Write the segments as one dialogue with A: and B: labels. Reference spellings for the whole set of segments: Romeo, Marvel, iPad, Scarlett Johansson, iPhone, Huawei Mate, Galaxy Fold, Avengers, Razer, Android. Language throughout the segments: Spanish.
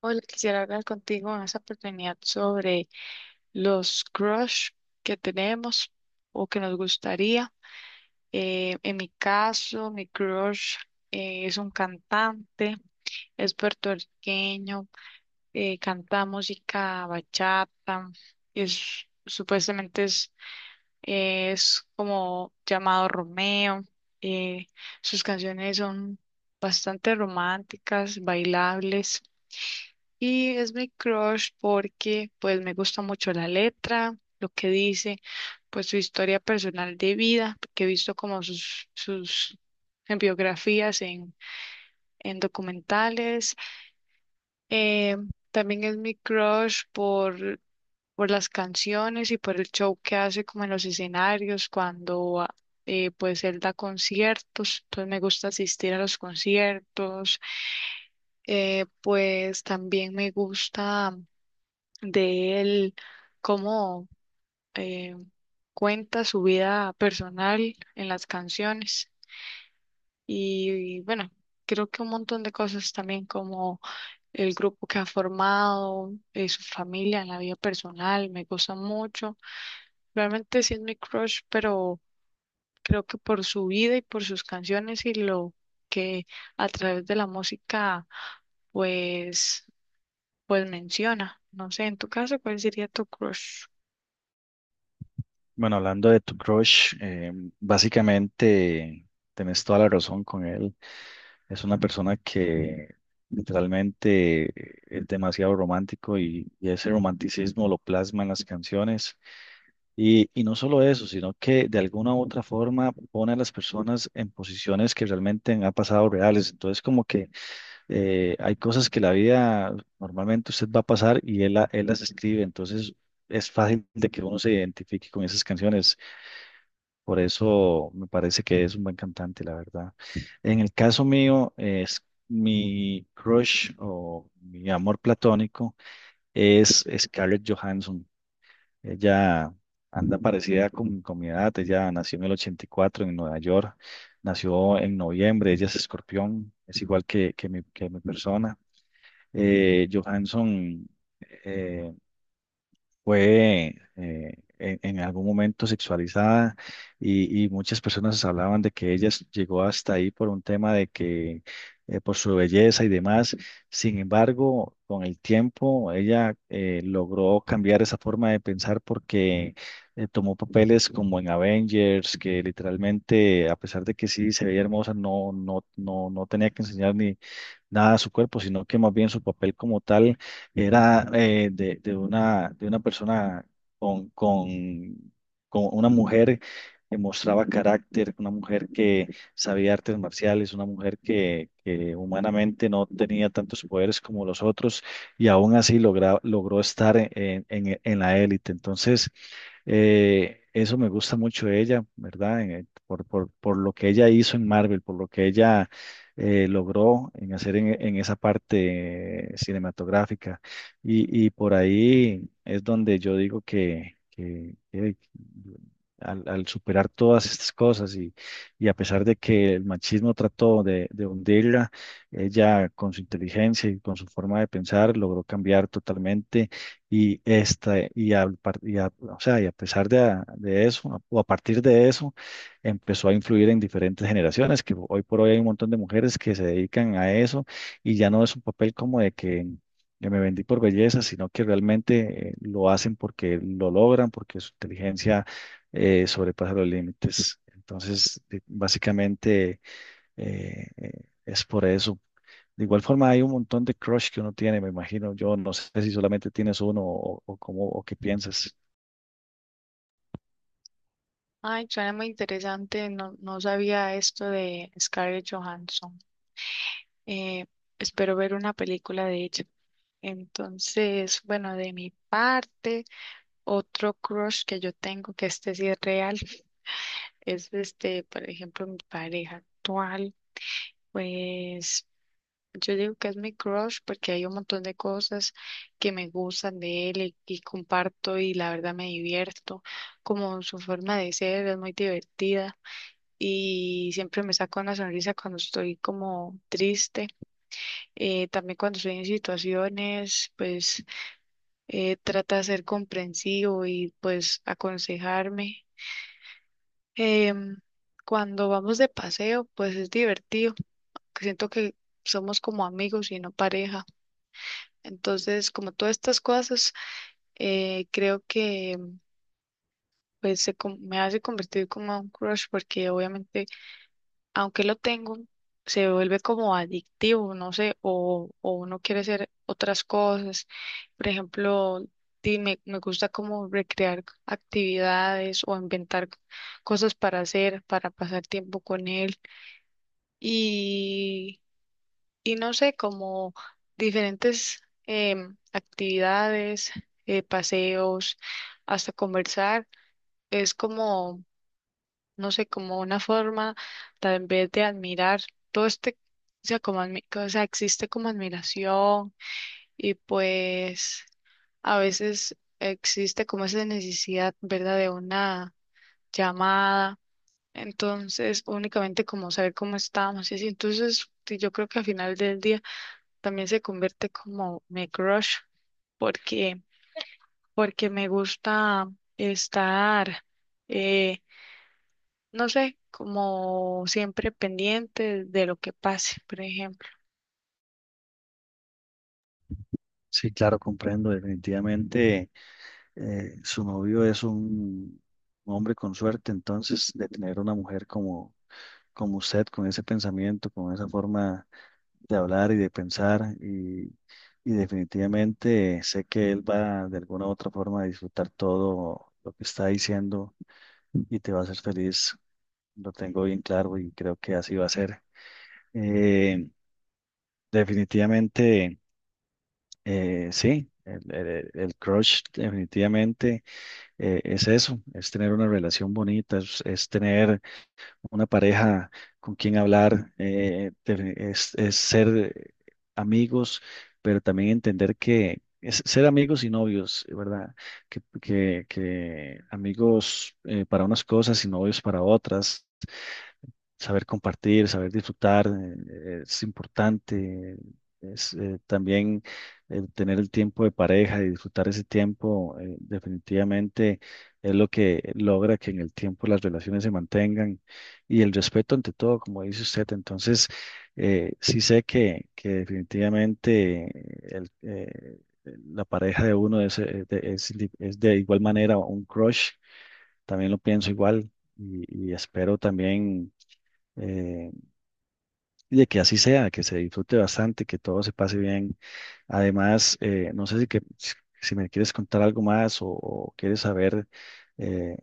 A: Hola, quisiera hablar contigo en esta oportunidad sobre los crush que tenemos o que nos gustaría. En mi caso, mi crush es un cantante, es puertorriqueño, canta música bachata, supuestamente es como llamado Romeo. eh, Sus canciones son bastante románticas, bailables. Y es mi crush porque pues me gusta mucho la letra, lo que dice, pues su historia personal de vida, que he visto como sus en biografías, en, en documentales. Eh, También es mi crush por las canciones y por el show que hace como en los escenarios cuando pues él da conciertos, entonces me gusta asistir a los conciertos. Pues también me gusta de él, cómo eh, cuenta su vida personal en las canciones y, bueno, creo que un montón de cosas también como el grupo que ha formado, su familia en la vida personal, me gusta mucho. Realmente sí es mi crush, pero creo que por su vida y por sus canciones y lo que a través de la música pues pues menciona. No sé, en tu caso, ¿cuál sería tu crush?
B: Bueno, hablando de tu crush, básicamente tenés toda la razón con él. Es una persona que literalmente es demasiado romántico y ese romanticismo lo plasma en las canciones. Y no solo eso, sino que de alguna u otra forma pone a las personas en posiciones que realmente han pasado reales. Entonces, como que hay cosas que la vida normalmente usted va a pasar y él las escribe. Entonces, es fácil de que uno se identifique con esas canciones. Por eso me parece que es un buen cantante, la verdad. En el caso mío, es mi crush o mi amor platónico es Scarlett Johansson. Ella anda parecida con mi edad. Ella nació en el 84 en Nueva York. Nació en noviembre. Ella es escorpión. Es igual que mi persona. Johansson eh, fue en algún momento sexualizada y muchas personas hablaban de que ella llegó hasta ahí por un tema de que por su belleza y demás. Sin embargo, con el tiempo ella logró cambiar esa forma de pensar porque tomó papeles como en Avengers, que literalmente, a pesar de que sí se veía hermosa, no tenía que enseñar ni nada a su cuerpo, sino que más bien su papel como tal era de una persona con, con, con una mujer que mostraba carácter, una mujer que sabía artes marciales, una mujer que humanamente no tenía tantos poderes como los otros y aún así logró estar en la élite. Entonces, eso me gusta mucho de ella, ¿verdad? Por lo que ella hizo en Marvel, por lo que ella logró en hacer en esa parte cinematográfica. Y por ahí es donde yo digo que, al superar todas estas cosas y a pesar de que el machismo trató de hundirla, ella con su inteligencia y con su forma de pensar logró cambiar totalmente y esta y, a, par- y a- o sea, y a pesar de eso, o a partir de eso, empezó a influir en diferentes generaciones, que hoy por hoy hay un montón de mujeres que se dedican a eso y ya no es un papel como de que yo me vendí por belleza, sino que realmente lo hacen porque lo logran, porque su inteligencia sobrepasa los límites. Entonces, básicamente eh, eh, es por eso. De igual forma, hay un montón de crush que uno tiene, me imagino. Yo no sé si solamente tienes uno o cómo o qué piensas.
A: Ay, suena muy interesante. No sabía esto de Scarlett Johansson. Eh, Espero ver una película de ella. Entonces, bueno, de mi parte, otro crush que yo tengo, que este sí es real, es este, por ejemplo, mi pareja actual. Pues yo digo que es mi crush porque hay un montón de cosas que me gustan de él y comparto y la verdad me divierto. Como su forma de ser es muy divertida. Y siempre me saca una sonrisa cuando estoy como triste. También cuando estoy en situaciones, pues trata de ser comprensivo y pues aconsejarme. Em, Cuando vamos de paseo, pues es divertido. Que Siento que somos como amigos y no pareja. Entonces, como todas estas cosas, creo que pues me hace convertir como un crush porque obviamente aunque lo tengo, se vuelve como adictivo, no sé, o uno quiere hacer otras cosas. Por ejemplo, me gusta como recrear actividades o inventar cosas para hacer, para pasar tiempo con él. Y, y no sé, como diferentes actividades, paseos, hasta conversar. Es como no sé, como una forma tal vez de admirar todo este, o sea, o sea, existe como admiración y pues a veces existe como esa necesidad, ¿verdad?, de una llamada. Entonces, únicamente como saber cómo estamos y así. Entonces, sí, yo creo que al final del día también se convierte como mi crush porque porque me gusta estar eh, no sé, como siempre pendiente de lo que pase, por ejemplo.
B: Sí, claro, comprendo. Definitivamente su novio es un, hombre con suerte, entonces de tener una mujer como usted, con ese pensamiento, con esa forma de hablar y de pensar, y definitivamente sé que él va de alguna u otra forma a disfrutar todo lo que está diciendo y te va a hacer feliz, lo tengo bien claro y creo que así va a ser. Eh, Definitivamente, sí, el crush definitivamente. Es eso, es tener una relación bonita, es tener una pareja con quien hablar, es ser eh, amigos, pero también entender que es ser amigos y novios, ¿verdad? Que amigos para unas cosas y novios para otras, saber compartir, saber disfrutar, es importante. Es, también el tener el tiempo de pareja y disfrutar ese tiempo, definitivamente es lo que logra que en el tiempo las relaciones se mantengan y el respeto ante todo, como dice usted. Entonces, sí sé que definitivamente el, eh, la pareja de uno es de igual manera un crush, también lo pienso igual y y espero también eh, y de que así sea, que se disfrute bastante, que todo se pase bien. Además, no sé si si me quieres contar algo más o quieres saber eh,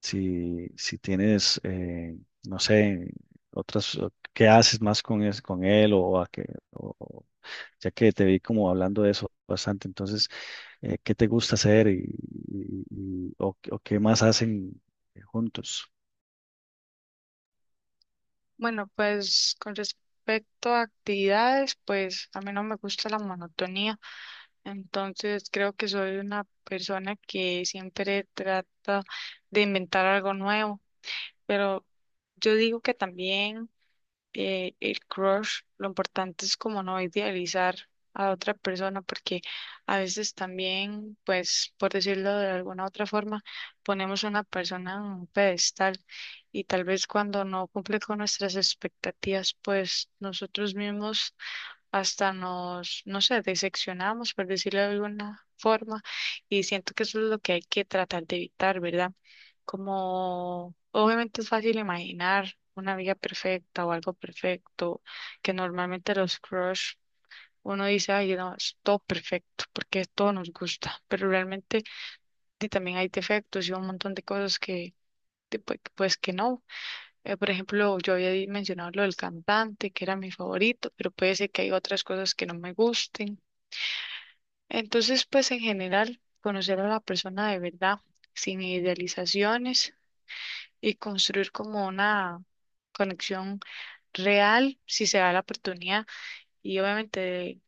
B: si tienes, no sé, otras, o qué haces más con él o a qué, o- o- ya que te vi como hablando de eso bastante, entonces, ¿qué te gusta hacer o qué más hacen juntos?
A: Bueno, pues con respecto a actividades, pues a mí no me gusta la monotonía, entonces creo que soy una persona que siempre trata de inventar algo nuevo, pero yo digo que también... el crush, lo importante es como no idealizar a otra persona, porque a veces también, pues, por decirlo de alguna otra forma, ponemos a una persona en un pedestal y tal vez cuando no cumple con nuestras expectativas, pues nosotros mismos hasta nos, no sé, diseccionamos, por decirlo de alguna forma, y siento que eso es lo que hay que tratar de evitar, ¿verdad? Como obviamente es fácil imaginar una vida perfecta o algo perfecto, que normalmente los crush, uno dice, ay, no, es todo perfecto, porque todo nos gusta, pero realmente sí, también hay defectos y un montón de cosas que, de- pues que no. Por ejemplo, yo había mencionado lo del cantante, que era mi favorito, pero puede ser que hay otras cosas que no me gusten. Entonces, pues en general, conocer a la persona de verdad, sin idealizaciones y construir como una conexión real, si se da la oportunidad, y obviamente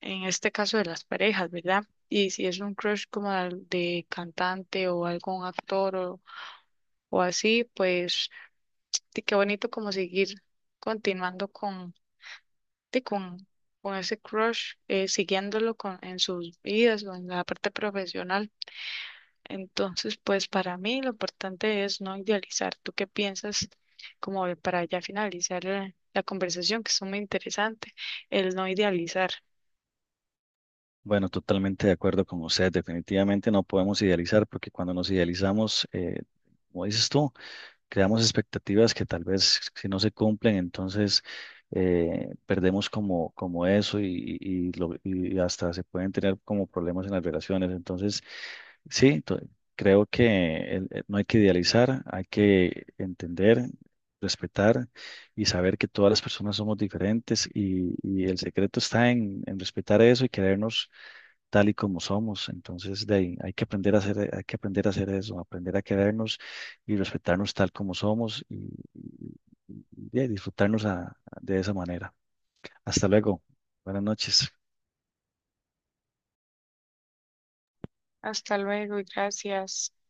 A: en este caso de las parejas, ¿verdad? Y si es un crush como de cantante o algún actor o así, pues sí, qué bonito como seguir continuando sí, con ese crush, siguiéndolo con, en sus vidas o en la parte profesional. Entonces, pues para mí lo importante es no idealizar. ¿Tú qué piensas como para ya finalizar la conversación, que es muy interesante, el no idealizar?
B: Bueno, totalmente de acuerdo con usted. Definitivamente no podemos idealizar porque cuando nos idealizamos, como dices tú, creamos expectativas que tal vez si no se cumplen, entonces perdemos como, como eso y hasta se pueden tener como problemas en las relaciones. Entonces, sí, creo que no hay que idealizar, hay que entender, respetar y saber que todas las personas somos diferentes y el secreto está en respetar eso y querernos tal y como somos. Entonces, de ahí, hay que aprender a hacer, hay que aprender a hacer eso, aprender a querernos y respetarnos tal como somos y- y de ahí de esa manera. Hasta luego. Buenas noches.
A: Hasta luego y gracias.